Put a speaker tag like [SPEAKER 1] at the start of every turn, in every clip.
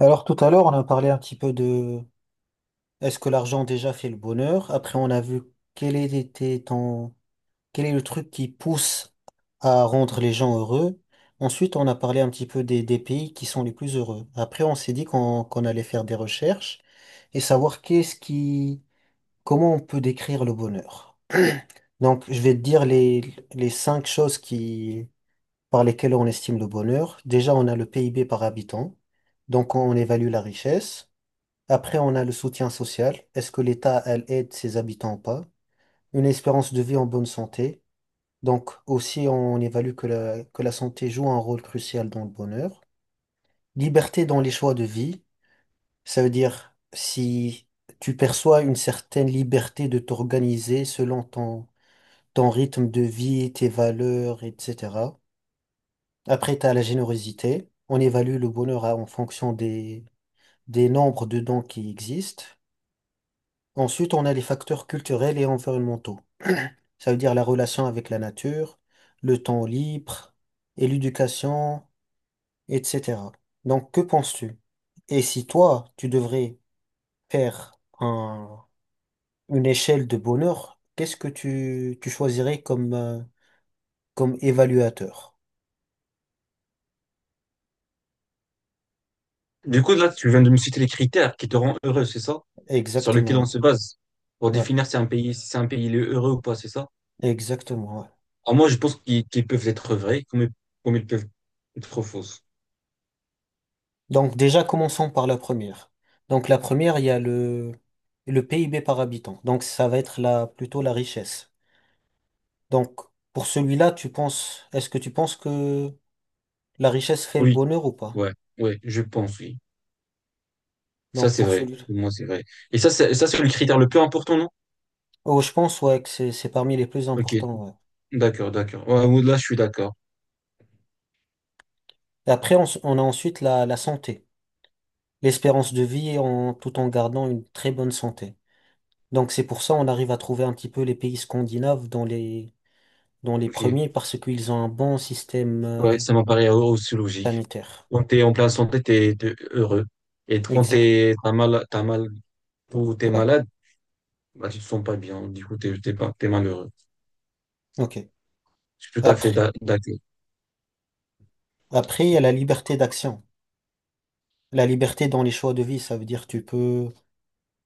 [SPEAKER 1] Alors tout à l'heure, on a parlé un petit peu de est-ce que l'argent déjà fait le bonheur? Après, on a vu quel était ton quel est le truc qui pousse à rendre les gens heureux. Ensuite, on a parlé un petit peu des pays qui sont les plus heureux. Après, on s'est dit qu'on allait faire des recherches et savoir qu'est-ce qui comment on peut décrire le bonheur. Donc, je vais te dire les cinq choses qui par lesquelles on estime le bonheur. Déjà, on a le PIB par habitant. On évalue la richesse. Après, on a le soutien social. Est-ce que l'État, elle, aide ses habitants ou pas? Une espérance de vie en bonne santé. Donc, aussi, on évalue que la santé joue un rôle crucial dans le bonheur. Liberté dans les choix de vie. Ça veut dire si tu perçois une certaine liberté de t'organiser selon ton rythme de vie, tes valeurs, etc. Après, tu as la générosité. On évalue le bonheur en fonction des nombres de dons qui existent. Ensuite, on a les facteurs culturels et environnementaux. Ça veut dire la relation avec la nature, le temps libre et l'éducation, etc. Donc, que penses-tu? Et si toi, tu devrais faire une échelle de bonheur, qu'est-ce que tu choisirais comme évaluateur?
[SPEAKER 2] Du coup, là, tu viens de me citer les critères qui te rendent heureux, c'est ça? Sur lequel on
[SPEAKER 1] Exactement.
[SPEAKER 2] se base pour
[SPEAKER 1] Ouais,
[SPEAKER 2] définir si un pays, si un pays il est heureux ou pas, c'est ça?
[SPEAKER 1] exactement. Ouais.
[SPEAKER 2] Alors moi, je pense qu'ils peuvent être vrais comme, comme ils peuvent être fausses.
[SPEAKER 1] Donc, déjà, commençons par la première. Donc, la première, il y a le PIB par habitant. Donc, ça va être plutôt la richesse. Donc, pour celui-là, est-ce que tu penses que la richesse fait le
[SPEAKER 2] Oui,
[SPEAKER 1] bonheur ou pas?
[SPEAKER 2] ouais, ouais, je pense, oui. Ça,
[SPEAKER 1] Donc,
[SPEAKER 2] c'est
[SPEAKER 1] pour
[SPEAKER 2] vrai.
[SPEAKER 1] celui-là.
[SPEAKER 2] Pour moi, c'est vrai. Et ça, c'est le critère le plus important, non?
[SPEAKER 1] Oh, je pense, ouais, que c'est parmi les plus
[SPEAKER 2] Ok,
[SPEAKER 1] importants, ouais.
[SPEAKER 2] d'accord, d'accord. Ouais, ouais, là, je suis d'accord.
[SPEAKER 1] Et après, on a ensuite la santé, l'espérance de vie tout en gardant une très bonne santé. Donc, c'est pour ça on arrive à trouver un petit peu les pays scandinaves dans les
[SPEAKER 2] Ok.
[SPEAKER 1] premiers parce qu'ils ont un bon système,
[SPEAKER 2] Ouais, ça m'apparaît aussi logique.
[SPEAKER 1] sanitaire.
[SPEAKER 2] Quand t'es en pleine santé, t'es, t'es heureux. Et quand
[SPEAKER 1] Exact.
[SPEAKER 2] t'es, t'as mal, ou t'es
[SPEAKER 1] Ouais.
[SPEAKER 2] malade, bah, tu te sens pas bien, du coup, t'es, t'es pas, t'es malheureux.
[SPEAKER 1] OK.
[SPEAKER 2] Je suis tout à fait
[SPEAKER 1] Après,
[SPEAKER 2] d'accord.
[SPEAKER 1] après, il y a la liberté d'action. La liberté dans les choix de vie, ça veut dire tu peux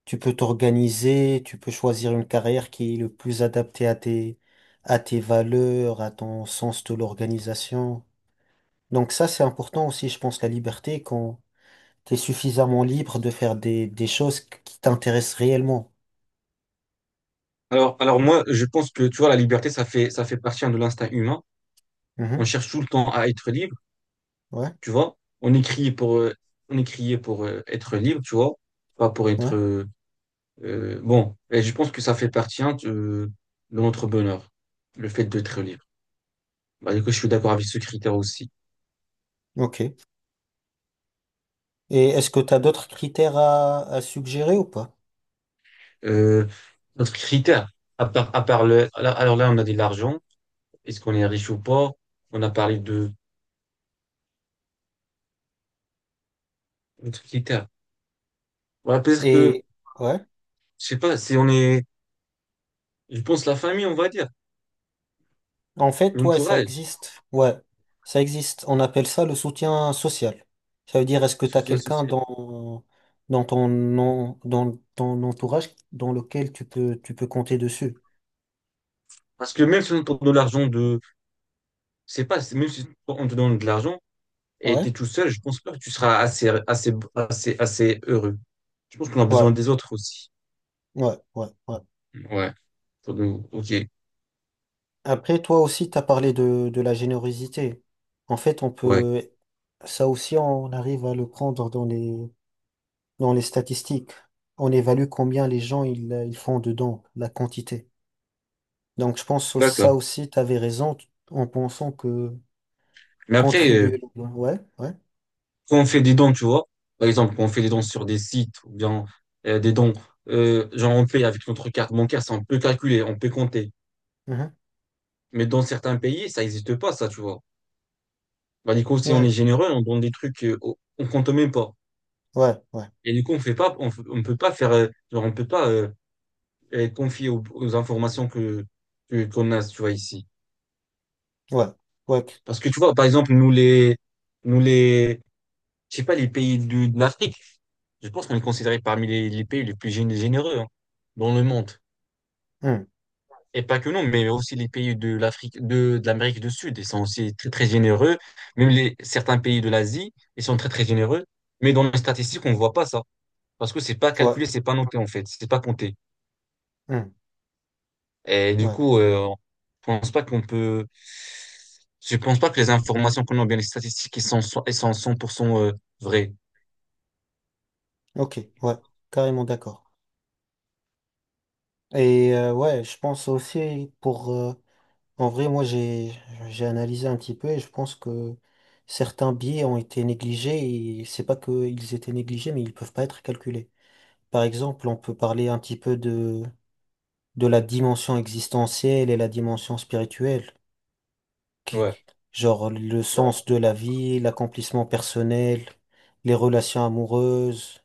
[SPEAKER 1] Tu peux t'organiser, tu peux choisir une carrière qui est le plus adaptée à tes valeurs, à ton sens de l'organisation. Donc ça, c'est important aussi, je pense, la liberté quand tu es suffisamment libre de faire des choses qui t'intéressent réellement.
[SPEAKER 2] Alors moi, je pense que, tu vois, la liberté, ça fait partie hein, de l'instinct humain. On
[SPEAKER 1] Mhm.
[SPEAKER 2] cherche tout le temps à être libre,
[SPEAKER 1] Ouais,
[SPEAKER 2] tu vois. On est crié pour, on est crié pour être libre, tu vois, pas pour
[SPEAKER 1] ouais,
[SPEAKER 2] être, bon. Et je pense que ça fait partie hein, de notre bonheur, le fait d'être libre. Bah, du coup, je suis d'accord avec ce critère aussi.
[SPEAKER 1] ok. Et est-ce que tu as d'autres critères à suggérer ou pas?
[SPEAKER 2] Euh, notre critère, à part le, alors là, on a dit l'argent. Est-ce qu'on est riche ou pas? On a parlé de un truc qui terre. Ouais, parce que,
[SPEAKER 1] Et ouais.
[SPEAKER 2] je sais pas, si on est, je pense la famille, on va dire,
[SPEAKER 1] En fait, ouais, ça
[SPEAKER 2] l'entourage,
[SPEAKER 1] existe. Ouais, ça existe. On appelle ça le soutien social. Ça veut dire, est-ce que tu as
[SPEAKER 2] soutien
[SPEAKER 1] quelqu'un
[SPEAKER 2] social.
[SPEAKER 1] dans ton entourage dans lequel tu peux compter dessus?
[SPEAKER 2] Parce que même si on te donne de l'argent de, je sais pas, même si on te donne de l'argent et t'es
[SPEAKER 1] Ouais,
[SPEAKER 2] tout seul, je pense pas que tu seras assez heureux. Je pense qu'on a besoin
[SPEAKER 1] ouais,
[SPEAKER 2] des autres aussi.
[SPEAKER 1] ouais, ouais, ouais.
[SPEAKER 2] Ouais. Pour nous. Ok.
[SPEAKER 1] Après, toi aussi, tu as parlé de la générosité. En fait,
[SPEAKER 2] Ouais.
[SPEAKER 1] ça aussi, on arrive à le prendre dans les statistiques. On évalue combien les gens ils font de dons, la quantité. Donc, je pense que
[SPEAKER 2] D'accord.
[SPEAKER 1] ça aussi, tu avais raison en pensant que
[SPEAKER 2] Mais après,
[SPEAKER 1] contribuer. Ouais, ouais,
[SPEAKER 2] quand on fait des dons, tu vois, par exemple, quand on fait des dons sur des sites ou bien des dons, genre on paye avec notre carte bancaire, ça on peut calculer, on peut compter.
[SPEAKER 1] mhm,
[SPEAKER 2] Mais dans certains pays, ça n'existe pas, ça, tu vois. Bah, du coup, si on est
[SPEAKER 1] ouais,
[SPEAKER 2] généreux, on donne des trucs on compte même pas.
[SPEAKER 1] ouais, ouais,
[SPEAKER 2] Et du coup, on fait pas, on peut pas faire, genre, on peut pas être confié aux, aux informations qu'on a, tu vois, ici.
[SPEAKER 1] ouais, ouais,
[SPEAKER 2] Parce que tu vois, par exemple, nous les, je sais pas, les pays de l'Afrique, je pense qu'on est considéré parmi les pays les plus généreux hein, dans le monde.
[SPEAKER 1] hmm,
[SPEAKER 2] Et pas que nous, mais aussi les pays de l'Afrique, de l'Amérique du Sud, ils sont aussi très, très généreux. Même les, certains pays de l'Asie, ils sont très, très généreux. Mais dans les statistiques, on voit pas ça. Parce que c'est pas
[SPEAKER 1] ouais,
[SPEAKER 2] calculé, c'est pas noté, en fait. C'est pas compté.
[SPEAKER 1] hmm,
[SPEAKER 2] Et du
[SPEAKER 1] ouais,
[SPEAKER 2] coup, je pense pas qu'on peut, je pense pas que les informations qu'on a, ou bien les statistiques, ils sont, elles sont 100% vraies.
[SPEAKER 1] ok, ouais, carrément d'accord. Et ouais, je pense aussi pour. En vrai, moi, j'ai analysé un petit peu et je pense que certains biais ont été négligés et c'est pas qu'ils étaient négligés, mais ils peuvent pas être calculés. Par exemple, on peut parler un petit peu de la dimension existentielle et la dimension spirituelle. qui-
[SPEAKER 2] Ouais,
[SPEAKER 1] genre le sens de la vie, l'accomplissement personnel, les relations amoureuses,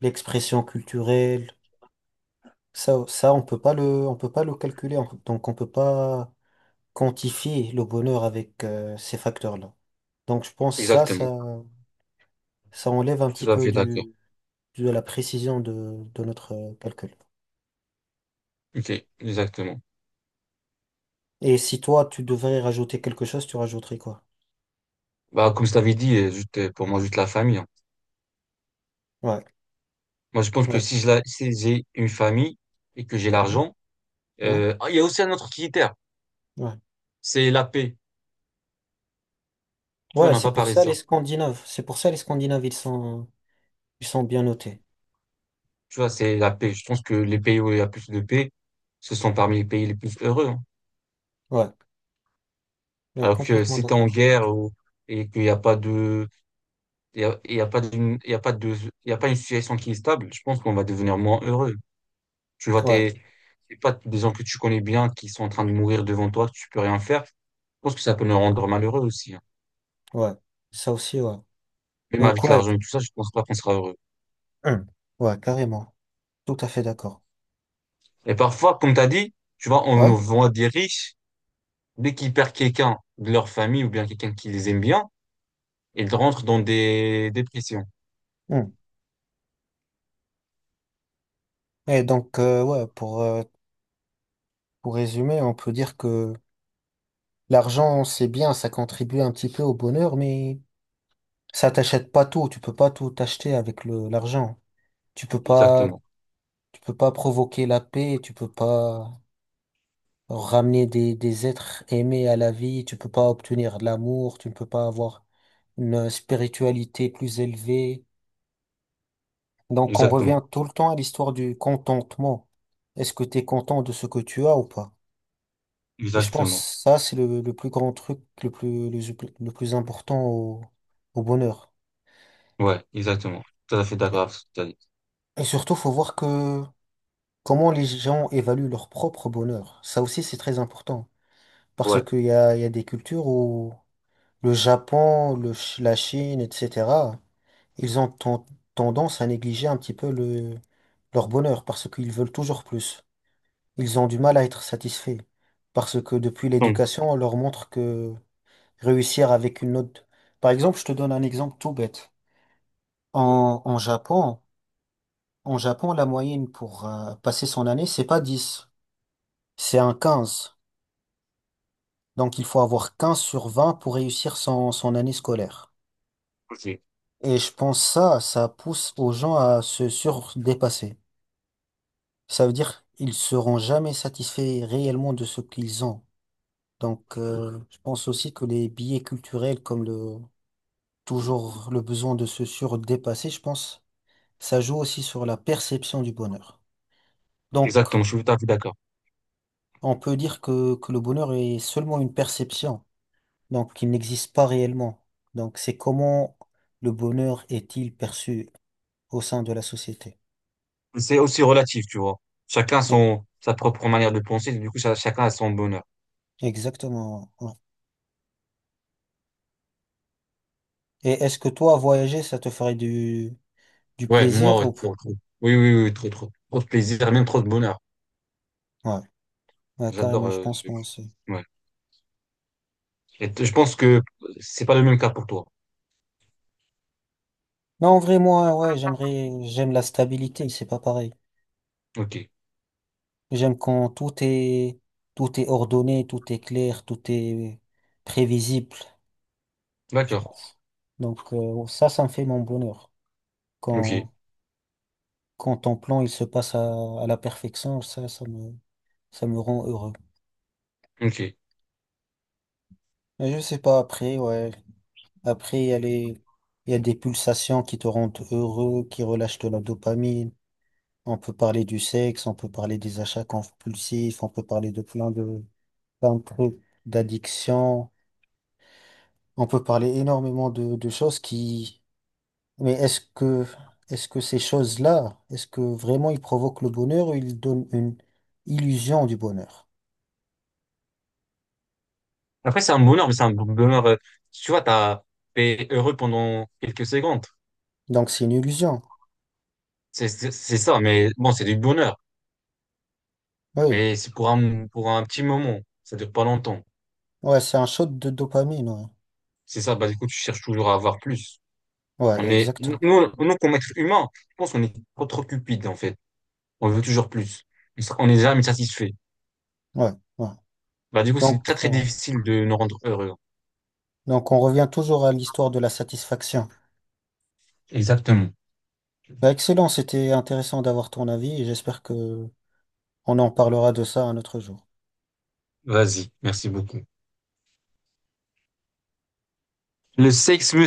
[SPEAKER 1] l'expression culturelle. Ça, on peut pas le calculer. Donc, on peut pas quantifier le bonheur avec ces facteurs-là. Donc, je pense
[SPEAKER 2] exactement.
[SPEAKER 1] ça enlève un
[SPEAKER 2] Je suis
[SPEAKER 1] petit
[SPEAKER 2] tout à
[SPEAKER 1] peu
[SPEAKER 2] fait d'accord.
[SPEAKER 1] de la précision de notre calcul.
[SPEAKER 2] Ok, exactement.
[SPEAKER 1] Et si toi, tu devrais rajouter quelque chose, tu rajouterais quoi?
[SPEAKER 2] Bah, comme je t'avais dit, juste, pour moi, juste la famille, hein.
[SPEAKER 1] Ouais,
[SPEAKER 2] Moi, je pense que
[SPEAKER 1] ouais,
[SPEAKER 2] si si j'ai une famille et que j'ai
[SPEAKER 1] mhm,
[SPEAKER 2] l'argent,
[SPEAKER 1] ouais,
[SPEAKER 2] il y a aussi un autre critère,
[SPEAKER 1] ouais.
[SPEAKER 2] c'est la paix. Tu vois, on
[SPEAKER 1] Ouais,
[SPEAKER 2] n'a
[SPEAKER 1] c'est
[SPEAKER 2] pas
[SPEAKER 1] pour
[SPEAKER 2] parlé de
[SPEAKER 1] ça les
[SPEAKER 2] ça.
[SPEAKER 1] Scandinaves. C'est pour ça les Scandinaves, ils sont bien notés.
[SPEAKER 2] Tu vois, c'est la paix. Je pense que les pays où il y a plus de paix, ce sont parmi les pays les plus heureux, hein.
[SPEAKER 1] Ouais, ouais,
[SPEAKER 2] Alors que
[SPEAKER 1] complètement
[SPEAKER 2] si t'es en
[SPEAKER 1] d'accord.
[SPEAKER 2] guerre ou- et qu'il n'y a pas de, il y a pas d'une, il y a pas de, il y a pas une situation qui est stable, je pense qu'on va devenir moins heureux. Tu vois,
[SPEAKER 1] Ouais,
[SPEAKER 2] t'es, c'est pas des gens que tu connais bien qui sont en train de mourir devant toi, tu peux rien faire. Je pense que ça peut nous rendre malheureux aussi, hein.
[SPEAKER 1] ouais, ça aussi, ouais.
[SPEAKER 2] Même
[SPEAKER 1] Donc,
[SPEAKER 2] avec
[SPEAKER 1] ouais,
[SPEAKER 2] l'argent et tout ça, je pense pas qu'on sera heureux.
[SPEAKER 1] hum, ouais, carrément. Tout à fait d'accord.
[SPEAKER 2] Et parfois, comme tu as dit, tu vois,
[SPEAKER 1] Ouais.
[SPEAKER 2] on voit des riches, dès qu'ils perdent quelqu'un de leur famille ou bien quelqu'un qui les aime bien, ils rentrent dans des dépressions.
[SPEAKER 1] Hum. Et donc, ouais, pour résumer, on peut dire que l'argent, c'est bien, ça contribue un petit peu au bonheur, mais ça t'achète pas tout. Tu peux pas tout t'acheter avec l'argent. Tu peux pas,
[SPEAKER 2] Exactement.
[SPEAKER 1] tu peux pas provoquer la paix, tu peux pas ramener des êtres aimés à la vie, tu peux pas obtenir de l'amour, tu ne peux pas avoir une spiritualité plus élevée. Donc on revient
[SPEAKER 2] Exactement.
[SPEAKER 1] tout le temps à l'histoire du contentement. Est-ce que tu es content de ce que tu as ou pas? Et je pense
[SPEAKER 2] Exactement.
[SPEAKER 1] que ça, c'est le plus grand truc, le plus important au bonheur.
[SPEAKER 2] Ouais, exactement. Tout à fait d'accord avec ce que tu as dit.
[SPEAKER 1] Et surtout, faut voir que comment les gens évaluent leur propre bonheur. Ça aussi, c'est très important. Parce
[SPEAKER 2] Ouais.
[SPEAKER 1] qu'il y a des cultures où le Japon, la Chine, etc. ils ont tendance à négliger un petit peu leur bonheur parce qu'ils veulent toujours plus. Ils ont du mal à être satisfaits parce que depuis
[SPEAKER 2] Donc,
[SPEAKER 1] l'éducation, on leur montre que réussir avec une note. Par exemple, je te donne un exemple tout bête. En, en Japon, En Japon, la moyenne pour passer son année, c'est pas 10, c'est un 15. Donc il faut avoir 15 sur 20 pour réussir son année scolaire.
[SPEAKER 2] ok.
[SPEAKER 1] Et je pense ça pousse aux gens à se surdépasser. Ça veut dire ils seront jamais satisfaits réellement de ce qu'ils ont. Donc, je pense aussi que les billets culturels, comme le toujours le besoin de se surdépasser, je pense, ça joue aussi sur la perception du bonheur. Donc,
[SPEAKER 2] Exactement, je suis tout à fait d'accord.
[SPEAKER 1] on peut dire que le bonheur est seulement une perception, donc il n'existe pas réellement. Donc, c'est comment le bonheur est-il perçu au sein de la société.
[SPEAKER 2] C'est aussi relatif, tu vois. Chacun
[SPEAKER 1] E-
[SPEAKER 2] son, sa propre manière de penser, du coup, ça- chacun a son bonheur.
[SPEAKER 1] Exactement. Ouais. Et est-ce que toi, voyager, ça te ferait du
[SPEAKER 2] Ouais, moi,
[SPEAKER 1] plaisir
[SPEAKER 2] ouais,
[SPEAKER 1] ou...
[SPEAKER 2] trop, trop. Oui, oui, oui, trop, trop. Trop de plaisir, même trop de bonheur.
[SPEAKER 1] Ouais. Ouais,
[SPEAKER 2] J'adore.
[SPEAKER 1] carrément, je pense moi aussi.
[SPEAKER 2] Ouais. Et je pense que c'est pas le même cas pour toi.
[SPEAKER 1] Non, en vrai, moi, ouais, j'aimerais, j'aime la stabilité, c'est pas pareil.
[SPEAKER 2] Ok,
[SPEAKER 1] J'aime quand tout est ordonné, tout est clair, tout est prévisible, je
[SPEAKER 2] d'accord.
[SPEAKER 1] pense. Donc, ça me fait mon bonheur.
[SPEAKER 2] Ok,
[SPEAKER 1] Quand, quand ton plan, il se passe à la perfection, ça me rend heureux.
[SPEAKER 2] ok.
[SPEAKER 1] Mais je sais pas, après, ouais. Après, il y a il y a des pulsations qui te rendent heureux, qui relâchent de la dopamine. On peut parler du sexe, on peut parler des achats compulsifs, on peut parler plein de trucs, d'addiction. On peut parler énormément de choses qui... Mais est-ce que ces choses-là, est-ce que vraiment ils provoquent le bonheur ou ils donnent une illusion du bonheur?
[SPEAKER 2] Après, c'est un bonheur, mais c'est un bonheur. Tu vois, t'as été heureux pendant quelques secondes.
[SPEAKER 1] Donc c'est une illusion.
[SPEAKER 2] C'est ça, mais bon, c'est du bonheur.
[SPEAKER 1] Oui.
[SPEAKER 2] Mais c'est pour un petit moment. Ça dure pas longtemps.
[SPEAKER 1] Ouais, c'est un shot de dopamine. Ouais,
[SPEAKER 2] C'est ça. Bah du coup, tu cherches toujours à avoir plus.
[SPEAKER 1] ouais
[SPEAKER 2] On est nous,
[SPEAKER 1] exactement.
[SPEAKER 2] nous comme être humain, je pense qu'on est trop trop cupide en fait. On veut toujours plus. On est jamais satisfait.
[SPEAKER 1] Ouais, ouais.
[SPEAKER 2] Bah du coup, c'est très
[SPEAKER 1] Donc,
[SPEAKER 2] très
[SPEAKER 1] ouais.
[SPEAKER 2] difficile de nous rendre heureux.
[SPEAKER 1] Donc on revient toujours à l'histoire de la satisfaction.
[SPEAKER 2] Exactement.
[SPEAKER 1] Bah, excellent, c'était intéressant d'avoir ton avis et j'espère que on en parlera de ça un autre jour.
[SPEAKER 2] Vas-y, merci beaucoup. Le sexe